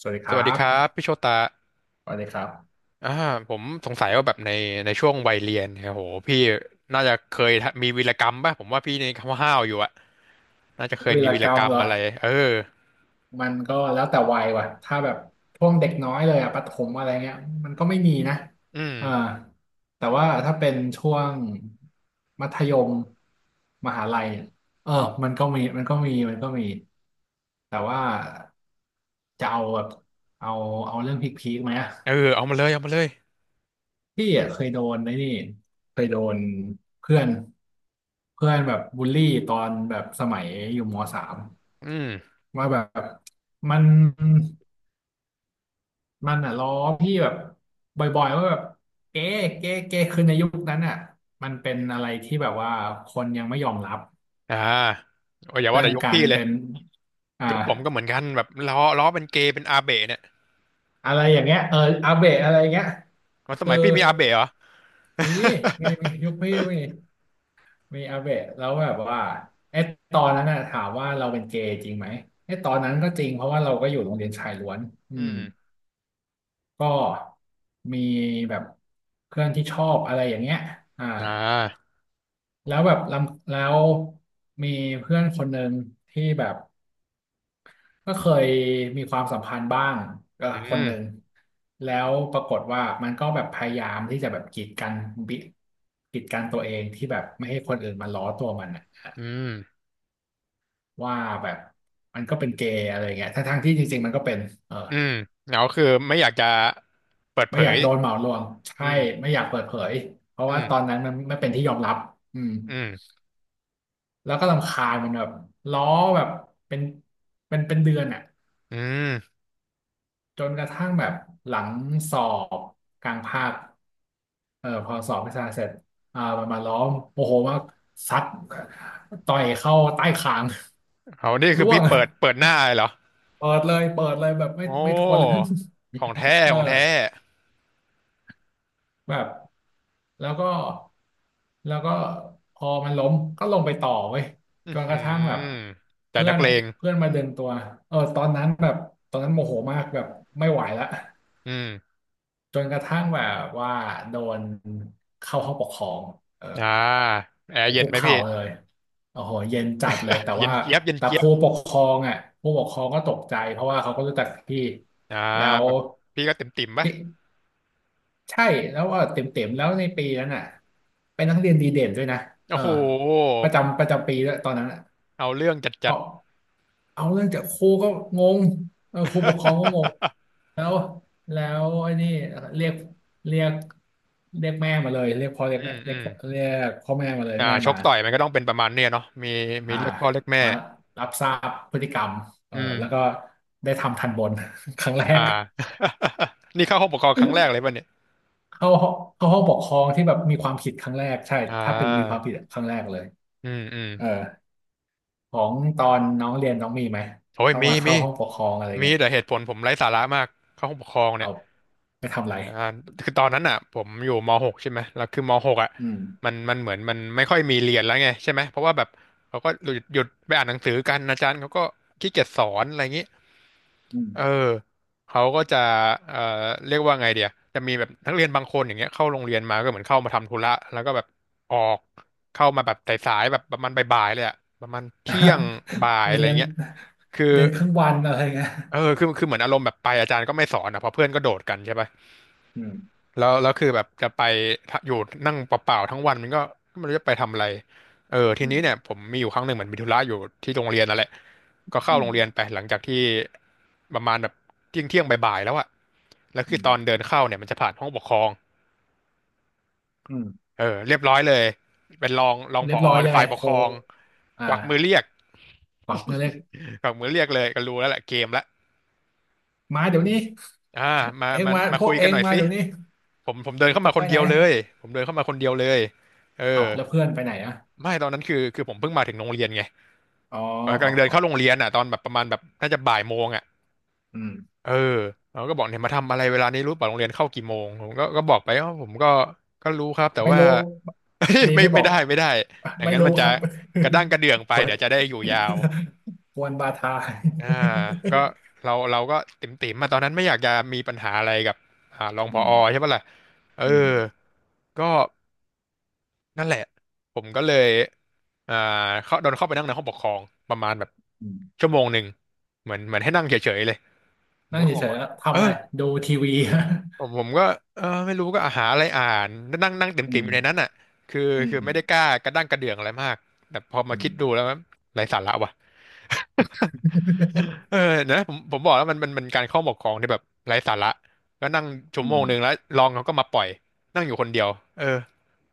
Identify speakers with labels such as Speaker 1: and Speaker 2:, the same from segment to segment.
Speaker 1: สวัสดีค
Speaker 2: ส
Speaker 1: รั
Speaker 2: วัสดี
Speaker 1: บ
Speaker 2: ครับพี่โชตา
Speaker 1: สวัสดีครับ
Speaker 2: อ่าผมสงสัยว่าแบบในช่วงวัยเรียนเนี่ยโหพี่น่าจะเคยมีวีรกรรมป่ะผมว่าพี่ในคำว่าห้าวอยู่อะน่าจะเคย
Speaker 1: วี
Speaker 2: มี
Speaker 1: ร
Speaker 2: วี
Speaker 1: ก
Speaker 2: ร
Speaker 1: ร
Speaker 2: ก
Speaker 1: รม
Speaker 2: รรม
Speaker 1: เหรอ
Speaker 2: อะไรเออ
Speaker 1: มันก็แล้วแต่วัยว่ะถ้าแบบช่วงเด็กน้อยเลยอะประถมอะไรเงี้ยมันก็ไม่มีนะ
Speaker 2: อืม
Speaker 1: อ่าแต่ว่าถ้าเป็นช่วงมัธยมมหาลัยเนี่ยเออมันก็มี แต่ว่าจะเอาแบบเอาเอาเรื่องพีคๆไหมอะ
Speaker 2: เออเอามาเลยเอามาเลย
Speaker 1: พี่อะเคยโดนไอ้นี่เคยโดนเพื่อนเพื่อนแบบบูลลี่ตอนแบบสมัยอยู่มสาม
Speaker 2: อืม
Speaker 1: ว่าแบบมันมันอ่ะล้อพี่แบบบ่อยๆว่าแบบเก๊เก๊เก๊คือในยุคนั้นอ่ะมันเป็นอะไรที่แบบว่าคนยังไม่ยอมรับ
Speaker 2: อ่าโอ้ยอย่าว่า
Speaker 1: เรื่อ
Speaker 2: แต่
Speaker 1: ง
Speaker 2: ยก
Speaker 1: กา
Speaker 2: พี่
Speaker 1: ร
Speaker 2: เลย
Speaker 1: เป็นอ่า
Speaker 2: ยกผมก็เหมือนกันแบบล้อเป็นเกย์เป็นอาเบะเนี่ย
Speaker 1: อะไรอย่างเงี้ยเอออาเบะอะไรอย่างเงี้ย
Speaker 2: มันส
Speaker 1: คือ
Speaker 2: มัยพี่มีอาเบะเหรอ
Speaker 1: มียุคพี่มีมีอาเบะแล้วแบบว่าไอ้ตอนนั้นน่ะถามว่าเราเป็นเกย์จริงไหมไอ้ตอนนั้นก็จริงเพราะว่าเราก็อยู่โรงเรียนชายล้วนอื
Speaker 2: อื
Speaker 1: ม
Speaker 2: ม
Speaker 1: ก็มีแบบเพื่อนที่ชอบอะไรอย่างเงี้ยอ่า
Speaker 2: อ่า
Speaker 1: แล้วแบบแล้วมีเพื่อนคนหนึ่งที่แบบก็เคยมีความสัมพันธ์บ้างกับ
Speaker 2: อื
Speaker 1: คนหนึ่ง
Speaker 2: ม
Speaker 1: แล้วปรากฏว่ามันก็แบบพยายามที่จะแบบกีดกันบิกีดกันตัวเองที่แบบไม่ให้คนอื่นมาล้อตัวมันน่ะ
Speaker 2: อืม
Speaker 1: ว่าแบบมันก็เป็นเกย์อะไรเงี้ยทั้งทงที่จริงๆมันก็เป็นเออ
Speaker 2: อืมแล้วคือไม่อยากจะเปิดเผ
Speaker 1: ไม่อยา
Speaker 2: ย
Speaker 1: กโดนเหมารวม
Speaker 2: อื
Speaker 1: ใช่
Speaker 2: ม
Speaker 1: ไม่อยากเปิดเผยเพราะ
Speaker 2: อื
Speaker 1: ว่า
Speaker 2: ม
Speaker 1: ตอนนั้นมันไม่เป็นที่ยอมรับอืม
Speaker 2: อืม
Speaker 1: แล้วก็รำคาญมันแบบล้อแบบเป็นเป็นเดือนอ่ะ
Speaker 2: อืม
Speaker 1: จนกระทั่งแบบหลังสอบกลางภาคเออพอสอบวิชาเสร็จอ่ามันมาล้อมโมโหมากซัดต่อยเข้าใต้คาง
Speaker 2: เอานี่ คือ
Speaker 1: ร่ว
Speaker 2: พี่
Speaker 1: ง
Speaker 2: เปิดหน้าเลยเหรอ
Speaker 1: เปิดเลยเปิดเลยแบบไม่
Speaker 2: โอ้
Speaker 1: ไม่ทนแล้ว
Speaker 2: ของแท้
Speaker 1: เออ
Speaker 2: ของแท้
Speaker 1: แบบแล้วก็แล้วก็พอมันล้มก็ลงไปต่อเว้ย
Speaker 2: อื
Speaker 1: จ
Speaker 2: อ
Speaker 1: นกระ
Speaker 2: หื
Speaker 1: ทั่งแบบ
Speaker 2: อแต่
Speaker 1: เพื่อ
Speaker 2: นัก
Speaker 1: น
Speaker 2: เลง
Speaker 1: เพื่อนมาดึงตัวเออตอนนั้นแบบตอนนั้นโมโหมากแบบไม่ไหวละ
Speaker 2: อืม
Speaker 1: จนกระทั่งแบบว่าโดนเข้าห้องปกครองเออ
Speaker 2: อ่าแอ
Speaker 1: ไป
Speaker 2: ร์เย็น
Speaker 1: คุก
Speaker 2: ไหม
Speaker 1: เข่า
Speaker 2: พี่
Speaker 1: เลยโอ้โหเย็นจัดเลยแต่
Speaker 2: เย็น
Speaker 1: ว่า
Speaker 2: เจี๊ยบเย็น
Speaker 1: แต่
Speaker 2: เจี๊
Speaker 1: ค
Speaker 2: ยบ
Speaker 1: รูปกครองอ่ะครูปกครองก็ตกใจเพราะว่าเขาก็รู้จักพี่
Speaker 2: อ่า
Speaker 1: แล้ว
Speaker 2: แบบพี่ก็เติ่มติ่มปะ
Speaker 1: ใช่แล้วก็เต็มเต็มแล้วในปีนั้นอ่ะเป็นนักเรียนดีเด่นด้วยนะเอ
Speaker 2: โอ้
Speaker 1: อ
Speaker 2: โห
Speaker 1: ประจำประจำปีแล้วตอนนั้นอ่ะ
Speaker 2: เอาเรื่องจัดจัด
Speaker 1: เอาเอาเรื่องจากครูก็งงเออครูปกครองก็งง แล้วไอ้นี่เรียกเรียกเรียกแม่มาเลยเรียกพ่อ
Speaker 2: อื
Speaker 1: เรียกแม่
Speaker 2: ม
Speaker 1: เรี
Speaker 2: อื
Speaker 1: ยก
Speaker 2: ม
Speaker 1: พ่อเรียกพ่อแม่มาเลยแม่
Speaker 2: ช
Speaker 1: มา
Speaker 2: กต่อยมันก็ต้องเป็นประมาณเนี้ยเนาะมี
Speaker 1: อ่า
Speaker 2: เรียกพ่อเรียกแม่
Speaker 1: มารับทราบพฤติกรรมเออ
Speaker 2: อื
Speaker 1: แล้วก็
Speaker 2: ม
Speaker 1: ได้ทำทันบน ครั้งแร
Speaker 2: อ่า
Speaker 1: ก
Speaker 2: นี่เข้าห้องปกครองครั้งแรกเลยป่ะเนี่ย
Speaker 1: เข้าห้องปกครองที่แบบมีความผิดครั้งแรกใช่
Speaker 2: อ่
Speaker 1: ถ้าเป็นมีความ
Speaker 2: า
Speaker 1: ผิดครั้งแรกเลย
Speaker 2: อืมอืม
Speaker 1: เออของตอนน้องเรียนน้องมีไหม
Speaker 2: โอ้ย
Speaker 1: ต้อง
Speaker 2: มี
Speaker 1: มา
Speaker 2: มี
Speaker 1: เข้าห้องปกครองอะไร
Speaker 2: มี
Speaker 1: เงี้ย
Speaker 2: แต่เหตุผลผมไร้สาระมากเข้าห้องปกครองเนี่
Speaker 1: เอา
Speaker 2: ย
Speaker 1: ไปทำอะไร
Speaker 2: อ่าคือตอนนั้นอ่ะผมอยู่ม .6 ใช่ไหมแล้วคือม .6 อ่ะ
Speaker 1: อืม
Speaker 2: มันเหมือนมันไม่ค่อยมีเรียนแล้วไงใช่ไหมเพราะว่าแบบเขาก็หยุดไปอ่านหนังสือกันอาจารย์เขาก็ขี้เกียจสอนอะไรอย่างนี้
Speaker 1: อืม
Speaker 2: เออเขาก็จะเอ่อเรียกว่าไงเดียจะมีแบบนักเรียนบางคนอย่างเงี้ยเข้าโรงเรียนมาก็เหมือนเข้ามาทำธุระแล้วก็แบบออกเข้ามาแบบสายๆแบบประมาณบ่ายๆเลยอ่ะประมาณเที่ยงบ่า ยอะไร
Speaker 1: เรียน
Speaker 2: เงี้ยคือ
Speaker 1: เรียนครึ่งวันอะไรเงี้ย
Speaker 2: เออคือเหมือนอารมณ์แบบไปอาจารย์ก็ไม่สอนนะเพราะเพื่อนก็โดดกันใช่ปะ
Speaker 1: อืม
Speaker 2: แล้วคือแบบจะไปอยู่นั่งเปล่าๆทั้งวันมันก็ไม่รู้จะไปทำอะไรเออที
Speaker 1: อื
Speaker 2: นี้เนี่ย
Speaker 1: ม
Speaker 2: ผมมีอยู่ครั้งหนึ่งเหมือนมีธุระอยู่ที่โรงเรียนนั่นแหละก็เข้า
Speaker 1: อื
Speaker 2: โรงเรียน
Speaker 1: ม
Speaker 2: ไปหลังจากที่ประมาณแบบเที่ยงบ่ายๆแล้วอะแล้ว
Speaker 1: อื
Speaker 2: คือ
Speaker 1: ม
Speaker 2: ตอนเดินเข้าเนี่ยมันจะผ่านห้องปกครอง
Speaker 1: อืม
Speaker 2: เออเรียบร้อยเลยเป็นรองผ
Speaker 1: เรียบ
Speaker 2: อ
Speaker 1: ร้อยยังไง
Speaker 2: ฝ่ายป
Speaker 1: โค
Speaker 2: กครอง
Speaker 1: อ่
Speaker 2: กวักมือเรี
Speaker 1: า
Speaker 2: ยก
Speaker 1: ปรับมือเรียก
Speaker 2: กวักมือเรียกเลยก็รู้แล้วแหละเกมละ
Speaker 1: มาเดี๋ยวนี้
Speaker 2: อ่ามา
Speaker 1: เองมา
Speaker 2: มา
Speaker 1: พว
Speaker 2: คุ
Speaker 1: ก
Speaker 2: ย
Speaker 1: เอ
Speaker 2: กันห
Speaker 1: ง
Speaker 2: น่อย
Speaker 1: มา
Speaker 2: สิ
Speaker 1: เดี๋ยวนี้
Speaker 2: ผมเดินเข้า
Speaker 1: จะ
Speaker 2: มาค
Speaker 1: ไป
Speaker 2: น
Speaker 1: ไห
Speaker 2: เดี
Speaker 1: น
Speaker 2: ยวเลยผมเดินเข้ามาคนเดียวเลยเอ
Speaker 1: เอา
Speaker 2: อ
Speaker 1: แล้วเพื่อนไปไหนอะ
Speaker 2: ไม่ตอนนั้นคือผมเพิ่งมาถึงโรงเรียนไง
Speaker 1: อ๋อ
Speaker 2: กำ
Speaker 1: อ๋อ
Speaker 2: ลังเดิน
Speaker 1: อ๋อ
Speaker 2: เข้าโรงเรียนอ่ะตอนแบบประมาณแบบน่าจะบ่ายโมงอ่ะ
Speaker 1: อืม
Speaker 2: เออเราก็บอกเนี่ยมาทำอะไรเวลานี้รู้ป่ะโรงเรียนเข้ากี่โมงผมก็บอกไปว่าผมก็ก็รู้ครับแต่
Speaker 1: ไม่
Speaker 2: ว่า
Speaker 1: รู้เด ย์
Speaker 2: ไม่
Speaker 1: ไม่บอก
Speaker 2: ไม่ได้อย่าง
Speaker 1: ไม่
Speaker 2: นั้น
Speaker 1: รู้
Speaker 2: มันจะ
Speaker 1: ครับ
Speaker 2: กระด้างกระเดื่องไป
Speaker 1: เปิ
Speaker 2: เดี๋
Speaker 1: ด
Speaker 2: ยวจะได้อยู่ยาว
Speaker 1: กวนบาทา
Speaker 2: อ่าก็เราก็ติ่มติ่มมาตอนนั้นไม่อยากจะมีปัญหาอะไรกับรอง ผ
Speaker 1: อืม
Speaker 2: อใช่ปะล่ะเอ
Speaker 1: อื
Speaker 2: อ
Speaker 1: ม
Speaker 2: ก็ นั่นแหละผมก็เลยอ่าเขาโดนเข้าไปนั่งในห้องปกครองประมาณแบบ
Speaker 1: อืม
Speaker 2: ชั่วโมงหนึ่งเหมือนเหมือนให้นั่งเฉยๆเลยผม
Speaker 1: นั่ง
Speaker 2: ก็ง
Speaker 1: เฉ
Speaker 2: ง
Speaker 1: ยๆ
Speaker 2: ว่า
Speaker 1: แล้ว
Speaker 2: เอ
Speaker 1: ทำ
Speaker 2: อ
Speaker 1: อะไรดูทีวี
Speaker 2: ผมก็เออไม่รู้ก็หาอะไรอ่านนั่งนั่ง
Speaker 1: อื
Speaker 2: เต็มๆอ
Speaker 1: ม
Speaker 2: ยู่ในนั้นอ่ะคือ
Speaker 1: อืม
Speaker 2: คือ
Speaker 1: อื
Speaker 2: ไม่
Speaker 1: ม
Speaker 2: ได้กล้ากระด้างกระเดื่องอะไรมากแต่พอมา
Speaker 1: อื
Speaker 2: คิดดู
Speaker 1: ม
Speaker 2: แล้วมันไร้สาระว่ะ เออนะผมบอกแล้วมันการเข้าปกครองที่แบบไร้สาระก็นั่งชั่ว
Speaker 1: อื
Speaker 2: โมง
Speaker 1: ม
Speaker 2: หนึ่งแล้วรองเขาก็มาปล่อยนั่งอยู่คนเดียวเออ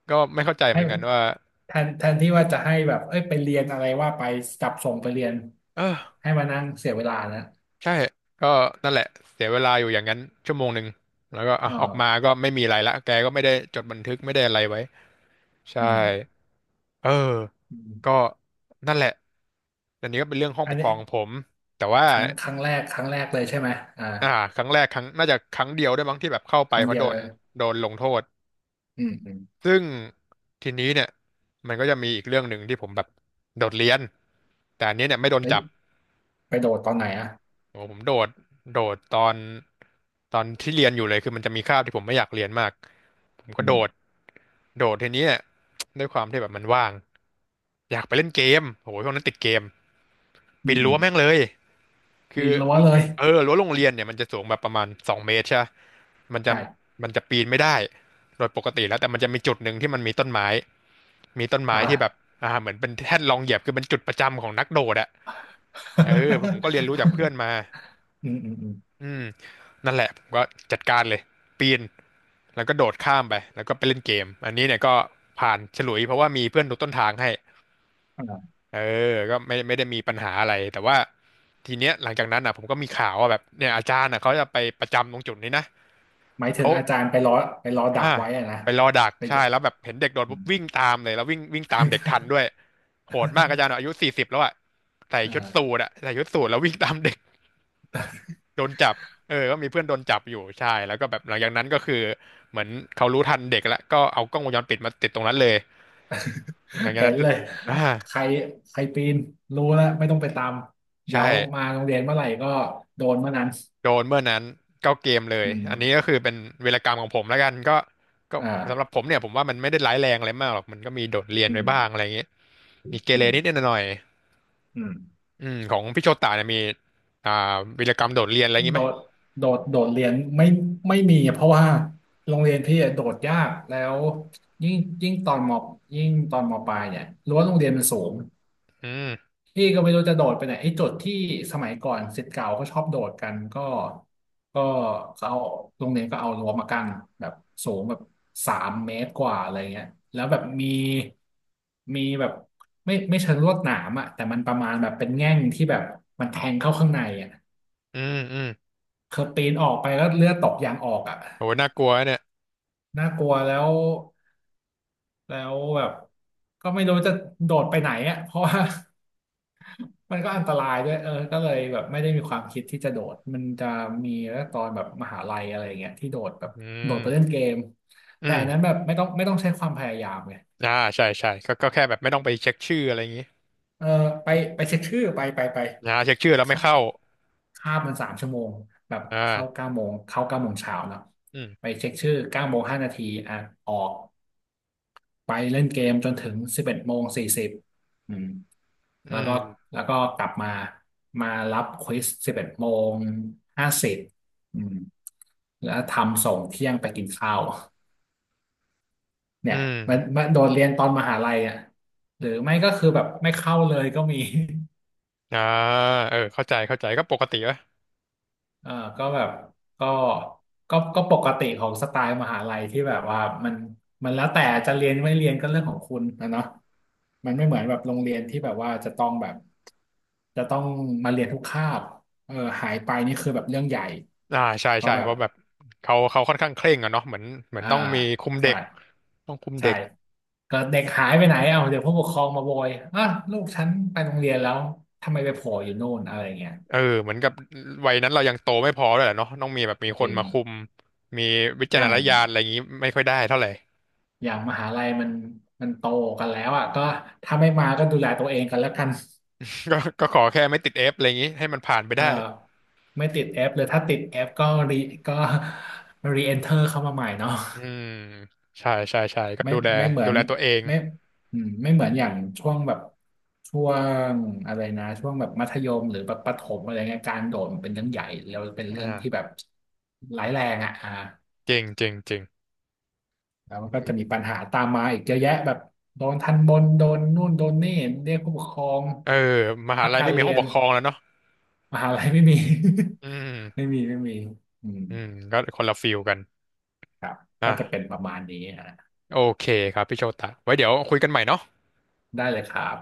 Speaker 2: ก็ไม่เข้าใจเห
Speaker 1: ให้
Speaker 2: มือน
Speaker 1: แบ
Speaker 2: กั
Speaker 1: บ
Speaker 2: นว่า
Speaker 1: แทนที่ว่าจะให้แบบเอ้ยไปเรียนอะไรว่าไปจับส่งไปเรียน
Speaker 2: เออ
Speaker 1: ให้มานั่งเสียเวลานะ
Speaker 2: ใช่ ก็นั่นแหละเสียเวลาอยู่อย่างนั้นชั่วโมงหนึ่งแล้วก็อ่ะ
Speaker 1: อ๋อ
Speaker 2: ออกมาก็ไม่มีอะไรละแกก็ไม่ได้จดบันทึกไม่ได้อะไรไว้ใช่
Speaker 1: อืม
Speaker 2: เออ
Speaker 1: อื
Speaker 2: ก็
Speaker 1: ม
Speaker 2: นั่นแหละอันนี้ก็เป็นเรื่องห้อง
Speaker 1: อั
Speaker 2: ป
Speaker 1: น
Speaker 2: กค
Speaker 1: นี้
Speaker 2: รองของผมแต่ว่า
Speaker 1: ครั้งแรกเลยใช่ไหมอ่า
Speaker 2: อ่าครั้งแรกครั้งน่าจะครั้งเดียวด้วยมั้งที่แบบเข้าไป
Speaker 1: ครั้ง
Speaker 2: เพ
Speaker 1: เดี
Speaker 2: ราะ
Speaker 1: ย
Speaker 2: โด
Speaker 1: วเล
Speaker 2: น
Speaker 1: ย
Speaker 2: โดนลงโทษ
Speaker 1: อืมอืม
Speaker 2: ซึ่งทีนี้เนี่ยมันก็จะมีอีกเรื่องหนึ่งที่ผมแบบโดดเรียนแต่อันนี้เนี่ยไม่โดนจับ
Speaker 1: ไปโดดตอนไหนอ่ะ
Speaker 2: โอ้ผมโดดโดดตอนที่เรียนอยู่เลยคือมันจะมีคาบที่ผมไม่อยากเรียนมากผมก็
Speaker 1: อื
Speaker 2: โด
Speaker 1: ม
Speaker 2: ดโดดทีนี้เนี่ยด้วยความที่แบบมันว่างอยากไปเล่นเกมโหช่วงนั้นติดเกม
Speaker 1: อื
Speaker 2: ปี
Speaker 1: ม
Speaker 2: น
Speaker 1: อื
Speaker 2: รั้ว
Speaker 1: ม
Speaker 2: แม่งเลยคื
Speaker 1: ปี
Speaker 2: อ
Speaker 1: นรั้วเลย
Speaker 2: เออรั้วโรงเรียนเนี่ยมันจะสูงแบบประมาณ2 เมตรใช่ปะมันจะ
Speaker 1: ใช่
Speaker 2: มันจะปีนไม่ได้โดยปกติแล้วแต่มันจะมีจุดหนึ่งที่มันมีต้นไม้มีต้นไม้
Speaker 1: อ่า
Speaker 2: ที่แบบเหมือนเป็นแท่นรองเหยียบคือเป็นจุดประจำของนักโดดอะเออผมก็เรียนรู้จากเพื่อนมา
Speaker 1: อืมอืมอืม
Speaker 2: อืมนั่นแหละผมก็จัดการเลยปีนแล้วก็โดดข้ามไปแล้วก็ไปเล่นเกมอันนี้เนี่ยก็ผ่านฉลุยเพราะว่ามีเพื่อนดูต้นทางให้
Speaker 1: อ่า
Speaker 2: เออก็ไม่ได้มีปัญหาอะไรแต่ว่าทีเนี้ยหลังจากนั้นอ่ะผมก็มีข่าวว่าแบบเนี่ยอาจารย์อ่ะเขาจะไปประจำตรงจุดนี้นะ
Speaker 1: หมาย
Speaker 2: แล้
Speaker 1: ถึง
Speaker 2: ว
Speaker 1: อาจารย์ไปล้อดัก
Speaker 2: อ่า
Speaker 1: ไว้อะนะ
Speaker 2: ไปรอดัก
Speaker 1: ไปดู
Speaker 2: ใช่แล้วแบบเห็นเด็กโดด
Speaker 1: อื
Speaker 2: ปุ๊บ
Speaker 1: ม
Speaker 2: วิ่งตามเลยแล้ววิ่งวิ่งตามเด็กทันด้วยโหดมากอาจารย์อะ อายุ40แล้วอ่ะใส่ชุดสู
Speaker 1: อ่า
Speaker 2: ทอ่ะใส่ชุดสูทแล้ววิ่งตามเด็ก โดนจับ เออก็มีเพื่อนโดนจับอยู่ใช่แล้วก็แบบหลังจากนั้นก็คือเหมือนเขารู้ทันเด็กแล้วก็เอากล้องวงจรปิดมาติดตรงนั้นเลยหลังจาก
Speaker 1: เห็
Speaker 2: นั้
Speaker 1: น
Speaker 2: น
Speaker 1: เลย
Speaker 2: อ่า
Speaker 1: ใครใครปีนรู้แล้วไม่ต้องไปตาม เดี๋
Speaker 2: ใช่
Speaker 1: ยวมาโรงเรียนเมื่อไหร่ก็โดนเมื่อนั้น
Speaker 2: โดนเมื่อนั้นก็เกมเลย
Speaker 1: อืม
Speaker 2: อันนี้ก็คือเป็นเวีรกรรมของผมแล้วกันก็สำหรับ
Speaker 1: อ่า
Speaker 2: ผมเนี่ยผมว่ามันไม่ได้ร้ายแรงอะไรมากหรอก มันก็มีโดดเรียน
Speaker 1: อื
Speaker 2: ไปบ้างอะ
Speaker 1: ม
Speaker 2: ไรอย่างเงี้ยมีเก
Speaker 1: อื
Speaker 2: เร
Speaker 1: ม
Speaker 2: นิดนหน่อย
Speaker 1: อืม
Speaker 2: ๆอืมของพี่โชตาเนี่ยมีอ่าวีรกรรมโดดเรียนอะไรอย่างงี้
Speaker 1: โด
Speaker 2: ไหม
Speaker 1: ดโดดเรียนไม่มีเพราะว่าโรงเรียนพี่อะโดดยากแล้วยิ่งยิ่งตอนมปลายเนี่ยรั้วโรงเรียนมันสูง
Speaker 2: อืม
Speaker 1: พี่ก็ไม่รู้จะโดดไปไหนไอ้โจุดที่สมัยก่อนศิษย์เก่าก็ชอบโดดกันก็ก็เขาเอาโรงเรียนก็เอารั้วมากั้นแบบสูงแบบสามเมตรกว่าอะไรเงี้ยแล้วแบบมีมีแบบไม่เชิงลวดหนามอะแต่มันประมาณแบบเป็นแง่งที่แบบมันแทงเข้าข้างในอะ
Speaker 2: อืมอืม
Speaker 1: คือปีนออกไปแล้วเลือดตกยางออกอ่ะ
Speaker 2: โหน่ากลัวเนี่ย
Speaker 1: น่ากลัวแล้วแล้วแบบก็ไม่รู้จะโดดไปไหนอ่ะเพราะว่า มันก็อันตรายด้วยเออก็เลยแบบไม่ได้มีความคิดที่จะโดดมันจะมีแล้วตอนแบบมหาลัยอะไรอย่างเงี้ยที่โดดแบบ
Speaker 2: อื
Speaker 1: โดดไปเล่น
Speaker 2: ม
Speaker 1: เกม
Speaker 2: อื
Speaker 1: แต่
Speaker 2: ม
Speaker 1: อันนั้นแบบไม่ต้องใช้ความพยายามไง
Speaker 2: อ่าใช่ใช่ก็แค่แบบไม่ต้องไปเช็คชื่ออะไรอย่างงี้
Speaker 1: เออไปไปเช็คชื่อไป
Speaker 2: นะเช็คชื่อแล้วไม่
Speaker 1: ค่ะ
Speaker 2: เข้า
Speaker 1: คาบมัน3 ชั่วโมงแบบเข้า
Speaker 2: อ่า
Speaker 1: เก้าโมงเข้า9 โมงเช้าเนาะ
Speaker 2: อืม
Speaker 1: ไปเช็คชื่อ9:05อ่ะออก ไปเล่นเกมจนถึง11:40อืม
Speaker 2: อื
Speaker 1: แล้วก็
Speaker 2: ม
Speaker 1: แล้วก็กลับมารับควิส11:50อืมแล้วทำส่งเที่ยงไปกินข้าว
Speaker 2: อื
Speaker 1: เนี่ย
Speaker 2: ม
Speaker 1: มันโดนเรียนตอนมหาลัยอ่ะหรือไม่ก็คือแบบไม่เข้าเลยก็มี
Speaker 2: อ่าเออเข้าใจก็ปกติวะ
Speaker 1: เออก็แบบก็ก็ปกติของสไตล์มหาลัยที่แบบว่ามันมันแล้วแต่จะเรียนไม่เรียนก็เรื่องของคุณนะเนาะมันไม่เหมือนแบบโรงเรียนที่แบบว่าจะต้องมาเรียนทุกคาบเออหายไปนี่คือแบบเรื่องใหญ่
Speaker 2: อ่าใช่
Speaker 1: เพ
Speaker 2: ใช่
Speaker 1: ราะแบ
Speaker 2: เพ
Speaker 1: บ
Speaker 2: ราะแบบเขาค่อนข้างเคร่งอะเนาะเหมือน
Speaker 1: อ่า
Speaker 2: ต้องมีคุมเด็
Speaker 1: ใช่
Speaker 2: กต้องคุม
Speaker 1: ใช่
Speaker 2: เด็ก
Speaker 1: ก็เด็กหายไปไหนเอาเดี๋ยวผู้ปกครองมาโวยอ่ะลูกฉันไปโรงเรียนแล้วทำไมไปโผล่อยู่โน่นอะไรเงี้ย
Speaker 2: เออเหมือนกับวัยนั้นเรายังโตไม่พอเลยแหละเนาะต้องมีแบบมีค
Speaker 1: เอ
Speaker 2: นมาคุ
Speaker 1: อ
Speaker 2: มมีวิ
Speaker 1: อ
Speaker 2: จาร
Speaker 1: ย่า
Speaker 2: ณ
Speaker 1: ง
Speaker 2: ญาณอะไรอย่างงี้ไม่ค่อยได้เท่าไหร่
Speaker 1: อย่างมหาลัยมันโตกันแล้วอ่ะก็ถ้าไม่มาก็ดูแลตัวเองกันแล้วกัน
Speaker 2: ก็ขอแค่ไม่ติดเอฟอะไรอย่างงี้ให้มันผ่านไป
Speaker 1: เอ่อ
Speaker 2: ได้
Speaker 1: ไม่ติดแอปเลยถ้าติดแอปก็ก็ รีเอนเทอร์เข้ามาใหม่เนาะ
Speaker 2: อืมใช่ใช่ใช่ก็
Speaker 1: ไม่
Speaker 2: ดูแล
Speaker 1: ไม่เหมือ
Speaker 2: ดู
Speaker 1: น
Speaker 2: แลตัวเอง
Speaker 1: ไม่อืมไม่เหมือนอย่างช่วงแบบช่วงอะไรนะช่วงแบบมัธยมหรือแบบประถมอะไรเงี้ยการโดดมันเป็นเรื่องใหญ่แล้วเป็นเรื่องที่
Speaker 2: อ่า
Speaker 1: แบบร้ายแรงอ่ะอ่า
Speaker 2: เจริงเจริงเจริง
Speaker 1: แล้วมันก็จะมีปัญหาตามมาอีกเยอะแยะแบบโดนทันบนโดนนู่นโดนนี่เรียกผู้ปกครอง
Speaker 2: เออมหา
Speaker 1: พัก
Speaker 2: ลัย
Speaker 1: กา
Speaker 2: ไม่
Speaker 1: ร
Speaker 2: มี
Speaker 1: เรี
Speaker 2: ห้อง
Speaker 1: ย
Speaker 2: ป
Speaker 1: น
Speaker 2: กครองแล้วเนาะ
Speaker 1: มหาลัยไม่มี
Speaker 2: อื
Speaker 1: ไม่
Speaker 2: ม
Speaker 1: มีไม่มีอืม
Speaker 2: อืมก็คนละฟิลกัน
Speaker 1: ครับ
Speaker 2: อ่ะ
Speaker 1: ก็จะเป็นประมาณนี้ฮะ
Speaker 2: โอเคครับพี่โชตะไว้เดี๋ยวคุยกันใหม่เนาะ
Speaker 1: ได้เลยครับ